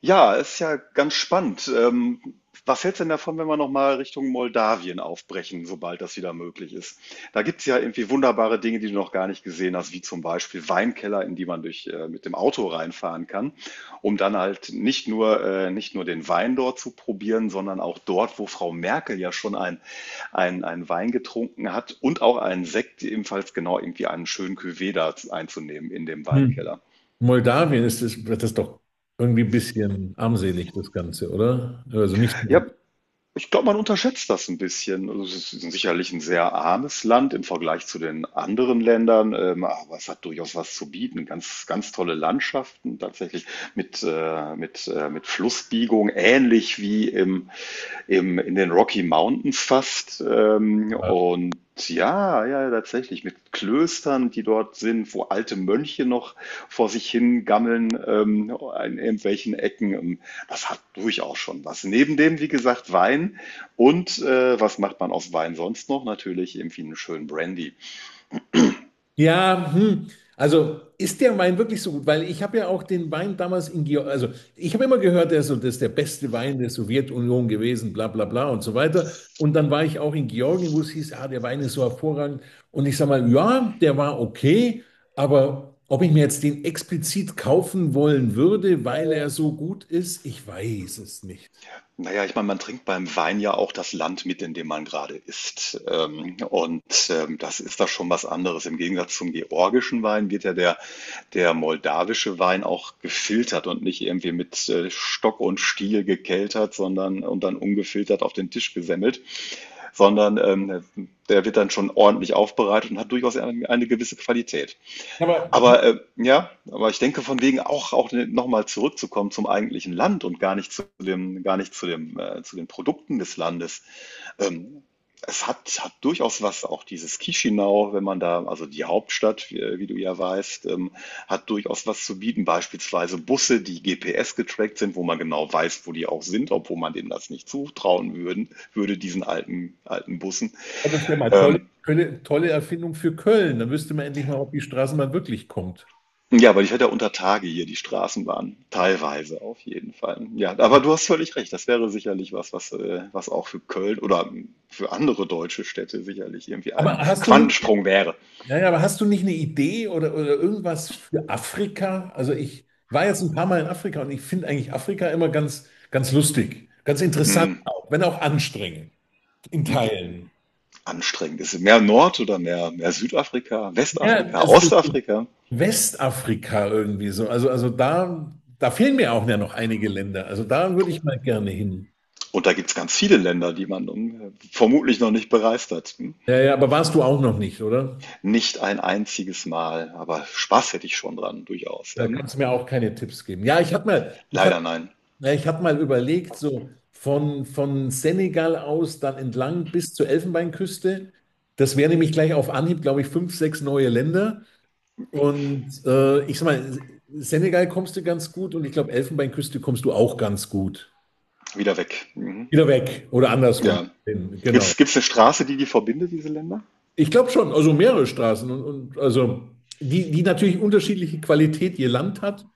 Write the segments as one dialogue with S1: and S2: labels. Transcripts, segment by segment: S1: Ja, ist ja ganz spannend. Was hältst du denn davon, wenn wir nochmal Richtung Moldawien aufbrechen, sobald das wieder möglich ist? Da gibt es ja irgendwie wunderbare Dinge, die du noch gar nicht gesehen hast, wie zum Beispiel Weinkeller, in die man mit dem Auto reinfahren kann, um dann halt nicht nur den Wein dort zu probieren, sondern auch dort, wo Frau Merkel ja schon ein Wein getrunken hat und auch einen Sekt, ebenfalls genau irgendwie einen schönen Cuvée da einzunehmen in dem
S2: Hm.
S1: Weinkeller.
S2: Moldawien ist das ist doch irgendwie ein bisschen armselig, das Ganze, oder? Also nicht so.
S1: Ja, ich glaube, man unterschätzt das ein bisschen. Also es ist sicherlich ein sehr armes Land im Vergleich zu den anderen Ländern, aber es hat durchaus was zu bieten. Ganz, ganz tolle Landschaften tatsächlich mit Flussbiegung, ähnlich wie in den Rocky Mountains fast.
S2: Total.
S1: Ja, ja, tatsächlich mit Klöstern, die dort sind, wo alte Mönche noch vor sich hin gammeln in irgendwelchen Ecken. Das hat durchaus schon was. Neben dem, wie gesagt, Wein. Und was macht man aus Wein sonst noch? Natürlich irgendwie einen schönen Brandy.
S2: Ja, hm. Also ist der Wein wirklich so gut? Weil ich habe ja auch den Wein damals in Georgien, also ich habe immer gehört, der ist so, das ist der beste Wein der Sowjetunion gewesen, bla bla bla und so weiter. Und dann war ich auch in Georgien, wo es hieß, ah, der Wein ist so hervorragend. Und ich sage mal, ja, der war okay, aber ob ich mir jetzt den explizit kaufen wollen würde, weil er so gut ist, ich weiß es nicht.
S1: Naja, ich meine, man trinkt beim Wein ja auch das Land mit, in dem man gerade ist. Das ist da schon was anderes. Im Gegensatz zum georgischen Wein der moldawische Wein auch gefiltert und nicht irgendwie mit Stock und Stiel gekeltert, sondern und dann ungefiltert auf den Tisch gesemmelt, sondern der wird dann schon ordentlich aufbereitet und hat durchaus eine gewisse Qualität.
S2: Aber
S1: Aber ja, aber ich denke, von wegen auch auch noch mal zurückzukommen zum eigentlichen Land und gar nicht zu dem, zu den Produkten des Landes. Ähm, Es hat durchaus was, auch dieses Chișinău, wenn man da, also die Hauptstadt, wie du ja weißt, hat durchaus was zu bieten. Beispielsweise Busse, die GPS getrackt sind, wo man genau weiß, wo die auch sind, obwohl man denen das nicht zutrauen würden, würde diesen alten Bussen.
S2: oh, das wäre mal
S1: Ähm,
S2: tolle Erfindung für Köln. Dann wüsste man endlich mal, ob die Straßenbahn wirklich kommt.
S1: Ja, weil ich hatte ja unter Tage hier die Straßenbahn, teilweise auf jeden Fall. Ja, aber du hast völlig recht, das wäre sicherlich was, was auch für Köln oder für andere deutsche Städte sicherlich irgendwie
S2: Aber
S1: ein
S2: hast du nicht,
S1: Quantensprung wäre.
S2: ja, ja, aber hast du nicht eine Idee oder irgendwas für Afrika? Also ich war jetzt ein paar Mal in Afrika und ich finde eigentlich Afrika immer ganz, ganz lustig, ganz interessant,
S1: Hm,
S2: auch, wenn auch anstrengend in Teilen.
S1: anstrengend. Ist es mehr Nord- oder mehr Südafrika,
S2: Ja,
S1: Westafrika,
S2: es ist so
S1: Ostafrika?
S2: Westafrika irgendwie so. Also da fehlen mir auch ja noch einige Länder. Also da würde ich mal gerne hin.
S1: Und da gibt's ganz viele Länder, die man vermutlich noch nicht bereist hat. Hm?
S2: Ja, ja, aber warst du auch noch nicht, oder?
S1: Nicht ein einziges Mal, aber Spaß hätte ich schon dran, durchaus.
S2: Da
S1: Ja?
S2: kannst du mir auch keine Tipps geben. Ja,
S1: Leider nein,
S2: ich hab mal überlegt, so von Senegal aus dann entlang bis zur Elfenbeinküste. Das wäre nämlich gleich auf Anhieb, glaube ich, fünf, sechs neue Länder. Und ich sag mal, Senegal kommst du ganz gut und ich glaube, Elfenbeinküste kommst du auch ganz gut.
S1: wieder weg. Mhm.
S2: Wieder weg oder andersrum.
S1: Ja,
S2: Hin, genau.
S1: gibt's eine Straße, die die verbindet, diese Länder?
S2: Ich glaube schon, also mehrere Straßen und die natürlich unterschiedliche Qualität je Land hat.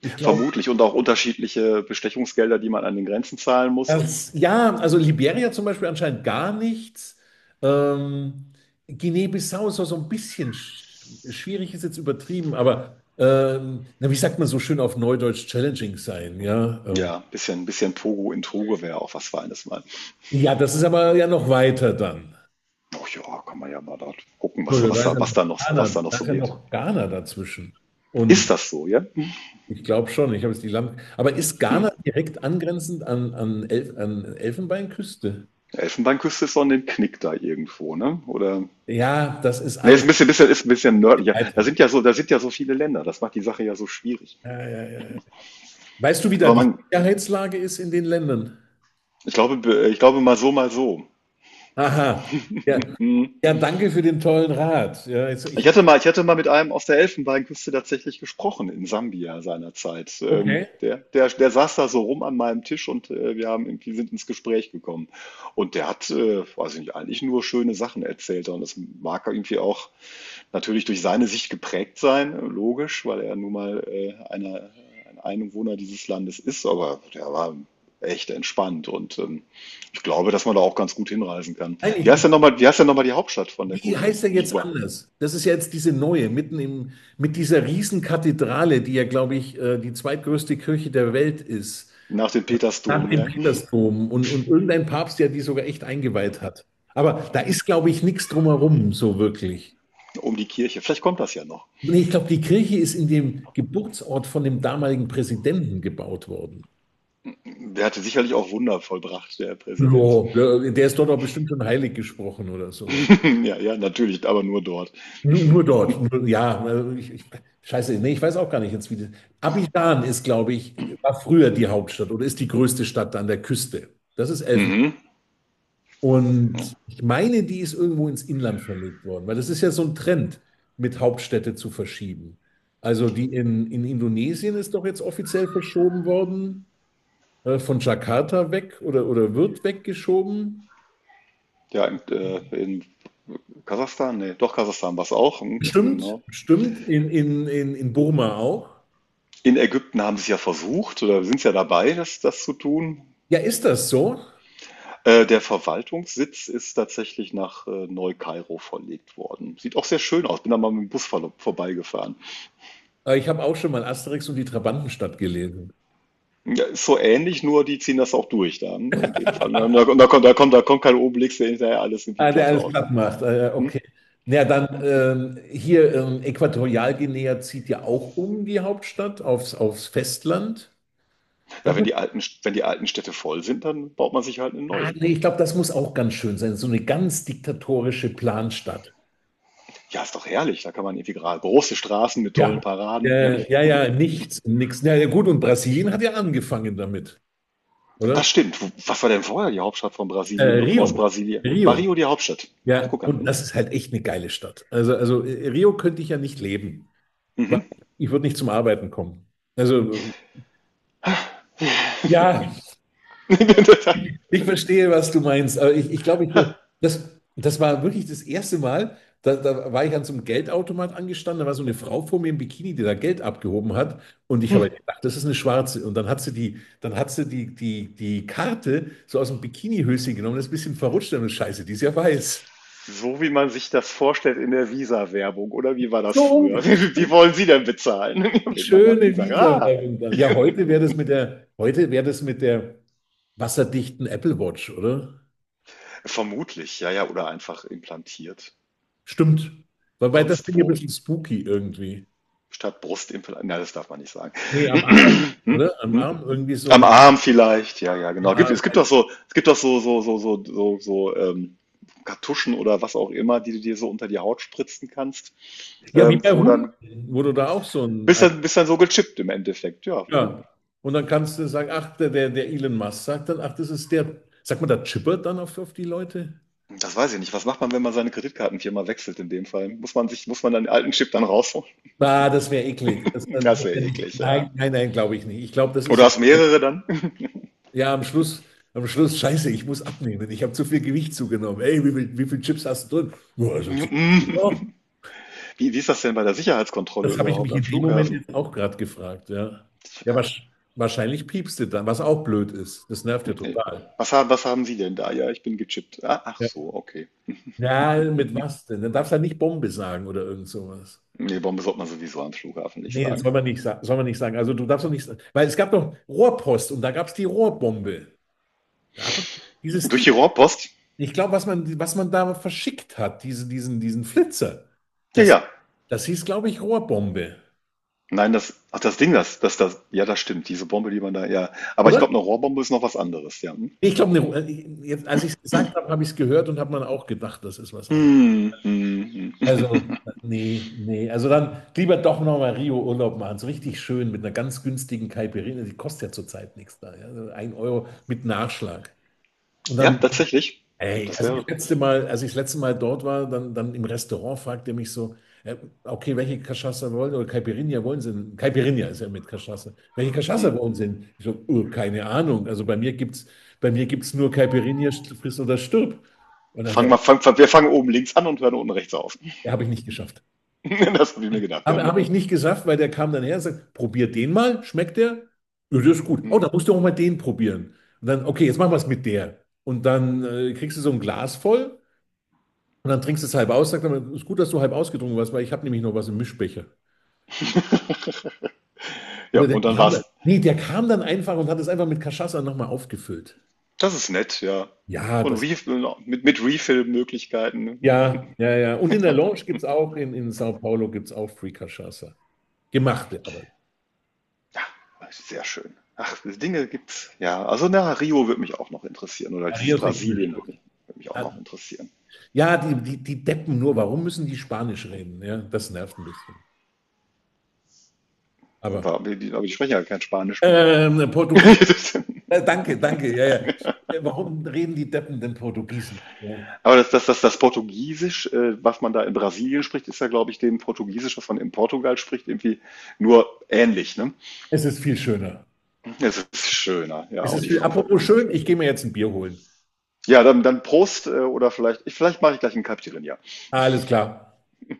S2: Ich glaube,
S1: Vermutlich und auch unterschiedliche Bestechungsgelder, die man an den Grenzen zahlen muss.
S2: das, ja, also Liberia zum Beispiel anscheinend gar nichts. Ähm, Guinea-Bissau ist auch so ein bisschen schwierig, ist jetzt übertrieben, aber na, wie sagt man so schön auf Neudeutsch, challenging sein, ja.
S1: Ja, bisschen Togo, in Togo wäre auch was Feines mal.
S2: Ja, das ist aber ja noch weiter dann.
S1: Ach ja, kann man ja mal dort gucken, was
S2: Entschuldigung,
S1: was da noch
S2: Da
S1: so
S2: ist ja
S1: geht.
S2: noch Ghana dazwischen. Und
S1: Ist das so, ja?
S2: ich glaube schon, ich habe jetzt die Land. Aber ist
S1: Mhm.
S2: Ghana direkt angrenzend an Elfenbeinküste?
S1: Elfenbeinküste ist doch 'nen Knick da irgendwo, ne? Oder
S2: Ja, das ist
S1: ne, ist
S2: alles
S1: ein bisschen bisschen ist 'n bisschen nördlicher.
S2: weiter.
S1: Da sind ja so viele Länder. Das macht die Sache ja so schwierig.
S2: Ja, ja, ja. Weißt du, wie da
S1: Aber
S2: die
S1: man,
S2: Sicherheitslage ist in den Ländern?
S1: ich glaube, mal so, mal so.
S2: Aha. Ja,
S1: Mhm.
S2: ja, danke für den tollen Rat.
S1: Ich hatte mal, mit einem aus der Elfenbeinküste tatsächlich gesprochen in Sambia seinerzeit.
S2: Okay.
S1: Der saß da so rum an meinem Tisch und wir haben irgendwie sind ins Gespräch gekommen. Und der hat, weiß ich nicht, eigentlich nur schöne Sachen erzählt. Und das mag irgendwie auch natürlich durch seine Sicht geprägt sein, logisch, weil er nun mal ein Einwohner dieses Landes ist. Aber der war echt entspannt und ich glaube, dass man da auch ganz gut hinreisen kann.
S2: Nein,
S1: Wie
S2: ich,
S1: heißt
S2: ich,
S1: denn nochmal, wie heißt denn nochmal die Hauptstadt von der
S2: wie
S1: Côte
S2: heißt er jetzt
S1: d'Ivoire?
S2: anders? Das ist ja jetzt diese neue, mit dieser Riesenkathedrale, die ja, glaube ich, die zweitgrößte Kirche der Welt ist,
S1: Nach dem
S2: nach
S1: Petersdom,
S2: dem
S1: ja.
S2: Petersdom und irgendein Papst, der die sogar echt eingeweiht hat. Aber da ist, glaube ich, nichts drumherum, so wirklich.
S1: Um die Kirche. Vielleicht kommt das ja noch.
S2: Nee, ich glaube, die Kirche ist in dem Geburtsort von dem damaligen Präsidenten gebaut worden.
S1: Der hatte sicherlich auch Wunder vollbracht, der Präsident.
S2: Ja, der ist dort auch bestimmt schon heilig gesprochen oder sowas.
S1: Ja, ja, natürlich, aber nur dort.
S2: Nur, nur dort. Nur, ja, also scheiße, nee, ich weiß auch gar nicht jetzt, wie das. Abidjan ist, glaube ich, war früher die Hauptstadt oder ist die größte Stadt an der Küste. Das ist Elfenbein.
S1: Mhm.
S2: Und ich meine, die ist irgendwo ins Inland verlegt worden, weil das ist ja so ein Trend, mit Hauptstädte zu verschieben. Also die in Indonesien ist doch jetzt offiziell verschoben worden, von Jakarta weg oder wird weggeschoben.
S1: Ja, in Kasachstan, nee, doch Kasachstan war es auch. Mhm,
S2: Stimmt,
S1: genau.
S2: stimmt, in Burma auch.
S1: In Ägypten haben sie es ja versucht oder sind es ja dabei, das zu tun.
S2: Ja, ist das so?
S1: Der Verwaltungssitz ist tatsächlich nach Neu-Kairo verlegt worden. Sieht auch sehr schön aus. Bin da mal mit dem Bus vorbeigefahren.
S2: Ich habe auch schon mal Asterix und die Trabantenstadt gelesen.
S1: Ja, ist so ähnlich, nur die ziehen das auch durch dann in dem Fall. Und da kommt kein Obelix, der hinterher alles irgendwie
S2: Ah, der
S1: platt
S2: alles
S1: haut.
S2: platt macht. Okay.
S1: Hm?
S2: Na ja, dann hier Äquatorialguinea zieht ja auch um die Hauptstadt aufs Festland.
S1: Ja,
S2: Das ist,
S1: wenn die alten Städte voll sind, dann baut man sich halt eine
S2: ah,
S1: neue.
S2: nee, ich glaube, das muss auch ganz schön sein. So eine ganz diktatorische Planstadt.
S1: Ja, ist doch herrlich. Da kann man irgendwie gerade große Straßen mit tollen
S2: Ja.
S1: Paraden. Ne?
S2: Ja, nichts. Ja, ja, gut, und Brasilien hat ja angefangen damit, oder?
S1: Das stimmt. Wo- Was war denn vorher die Hauptstadt von Brasilien, bevor es
S2: Rio.
S1: Brasilien? War
S2: Rio.
S1: Rio die Hauptstadt? Ach,
S2: Ja,
S1: guck
S2: und
S1: an.
S2: das ist halt echt eine geile Stadt. Also Rio könnte ich ja nicht leben, weil
S1: Hm?
S2: ich würde nicht zum Arbeiten kommen. Also, ja,
S1: Mhm.
S2: ich verstehe, was du meinst, aber ich glaube, das, das war wirklich das erste Mal, da war ich an so einem Geldautomat angestanden, da war so eine Frau vor mir im Bikini, die da Geld abgehoben hat und ich habe halt gedacht, das ist eine Schwarze und dann hat die Karte so aus dem Bikinihöschen genommen, das ist ein bisschen verrutscht und Scheiße, die ist ja weiß.
S1: So wie man sich das vorstellt in der Visa-Werbung, oder wie war das
S2: So,
S1: früher? Wie
S2: um-
S1: wollen Sie denn bezahlen?
S2: Die
S1: Mit meiner
S2: schöne
S1: Visa. Ah,
S2: Visa-Werbung. Das. Ja, heute wäre das mit der wasserdichten Apple Watch, oder?
S1: vermutlich, ja, ja, oder einfach implantiert.
S2: Stimmt. Wobei das
S1: Sonst
S2: finde ich ein
S1: wo.
S2: bisschen spooky irgendwie.
S1: Statt Brustimplantat. Nein, das darf man nicht sagen.
S2: Nee, am Arm,
S1: Hm?
S2: oder? Am
S1: Hm?
S2: Arm irgendwie so
S1: Am
S2: ein.
S1: Arm vielleicht, ja, ja, genau. Gibt, es gibt doch so, es gibt doch so, so, so, so, so, so Kartuschen oder was auch immer, die du dir so unter die Haut spritzen kannst,
S2: Ja, wie bei
S1: wo
S2: Hunden,
S1: dann
S2: wo du da auch so ein.
S1: bist dann so gechippt im Endeffekt, ja. Hm?
S2: Ja. Und dann kannst du sagen, ach, der Elon Musk sagt dann, ach, das ist der. Sagt man da chippert dann auf die Leute?
S1: Das weiß ich nicht. Was macht man, wenn man seine Kreditkartenfirma wechselt in dem Fall? Muss man dann den alten Chip dann rausholen?
S2: Ah, das wäre eklig. Das
S1: Das wäre
S2: wär nicht,
S1: eklig,
S2: nein,
S1: ja.
S2: nein, nein, glaube ich nicht. Ich glaube, das ist
S1: Oder
S2: ja.
S1: hast mehrere dann?
S2: Ja, am Schluss, scheiße, ich muss abnehmen. Ich habe zu viel Gewicht zugenommen. Ey, wie viel Chips hast du drin? Nur also 10 Kilo.
S1: Wie ist das denn bei der Sicherheitskontrolle
S2: Das habe ich
S1: überhaupt
S2: mich
S1: am
S2: in dem Moment
S1: Flughafen?
S2: jetzt auch gerade gefragt, ja. Ja,
S1: Tja,
S2: wahrscheinlich piepst du dann, was auch blöd ist. Das nervt ja
S1: nee.
S2: total.
S1: Was haben Sie denn da? Ja, ich bin gechippt. Ah, ach
S2: Ja,
S1: so, okay.
S2: ja, mit was denn? Dann darfst du ja nicht Bombe sagen oder irgend sowas.
S1: Nee, Bombe sollte man sowieso am Flughafen nicht
S2: Nee, das
S1: sagen.
S2: soll man nicht sagen. Soll man nicht sagen. Also du darfst doch nicht sagen. Weil es gab doch Rohrpost und da gab es die Rohrbombe. Da hat man dieses
S1: Durch
S2: Ding.
S1: die Rohrpost?
S2: Ich glaube, was man da verschickt hat, diesen Flitzer,
S1: Ja,
S2: das.
S1: ja.
S2: Das hieß, glaube ich, Rohrbombe,
S1: Nein, das Ding, ja, das stimmt. Diese Bombe, die man da, ja. Aber ich
S2: oder?
S1: glaube, eine Rohrbombe ist noch was anderes, ja. Hm,
S2: Ich glaube, jetzt, als ich es gesagt habe, habe ich es gehört und habe man auch gedacht, das ist was an.
S1: hm, hm. hm.
S2: Also, nee, nee. Also dann lieber doch nochmal Rio Urlaub machen. So richtig schön mit einer ganz günstigen Caipirinha. Die kostet ja zurzeit nichts da. Ja? Also 1 Euro mit Nachschlag. Und
S1: Ja,
S2: dann
S1: tatsächlich. Ja,
S2: ey,
S1: das wäre,
S2: als ich das letzte Mal dort war, dann im Restaurant fragte er mich so, äh, okay, welche Cachaça wollen oder Caipirinha wollen Sie denn? Caipirinha ist ja mit Cachaça. Welche
S1: hm.
S2: Cachaça wollen Sie denn? Ich so, keine Ahnung. Also bei mir gibt's nur Caipirinha, friss oder stirb. Und dann hat
S1: Fangen
S2: er,
S1: wir, fang, fang, Wir fangen oben links an und hören unten rechts auf.
S2: ja, habe ich nicht geschafft.
S1: Das habe ich mir gedacht, ja.
S2: Aber habe ich nicht geschafft, weil der kam dann her und sagt, probier den mal, schmeckt der? Ja, das ist gut. Oh,
S1: Hm.
S2: dann musst du auch mal den probieren. Und dann, okay, jetzt machen wir es mit der. Und dann kriegst du so ein Glas voll. Und dann trinkst du es halb aus, sagt man, ist gut, dass du halb ausgetrunken warst, weil ich habe nämlich noch was im Mischbecher.
S1: Ja,
S2: Oder der
S1: und dann
S2: kam dann,
S1: war's.
S2: nee, der kam dann einfach und hat es einfach mit Cachaça nochmal aufgefüllt.
S1: Das ist nett, ja.
S2: Ja,
S1: So 'n
S2: das,
S1: Refill mit Refill-Möglichkeiten. Ne?
S2: ja, ja, ja. Und in der Lounge gibt es auch, in Sao Paulo gibt es auch free Cachaça. Gemachte, aber.
S1: Sehr schön. Ach, diese Dinge gibt's. Ja, also, na, Rio würde mich auch noch interessieren oder
S2: Ja,
S1: dieses
S2: Rio ist eine coole
S1: Brasilien
S2: Stadt.
S1: würde mich auch
S2: Ja,
S1: noch interessieren.
S2: ja, die Deppen nur, warum müssen die Spanisch reden? Ja, das nervt ein bisschen. Aber
S1: Aber die sprechen ja kein Spanisch.
S2: Portugiesisch, danke, danke, ja, ja. Warum reden die Deppen denn Portugiesisch? Ja.
S1: Aber das Portugiesisch, was man da in Brasilien spricht, ist ja, glaube ich, dem Portugiesisch, was man in Portugal spricht, irgendwie nur ähnlich, ne?
S2: Es ist viel schöner.
S1: Es ist schöner. Ja,
S2: Es
S1: auch
S2: ist
S1: die
S2: viel.
S1: Frauen sind
S2: Apropos
S1: wahrscheinlich
S2: schön,
S1: schön.
S2: ich gehe mir jetzt ein Bier holen.
S1: Ja, dann Prost, oder vielleicht ich vielleicht mache ich gleich ein 'n Caipirinha.
S2: Alles klar.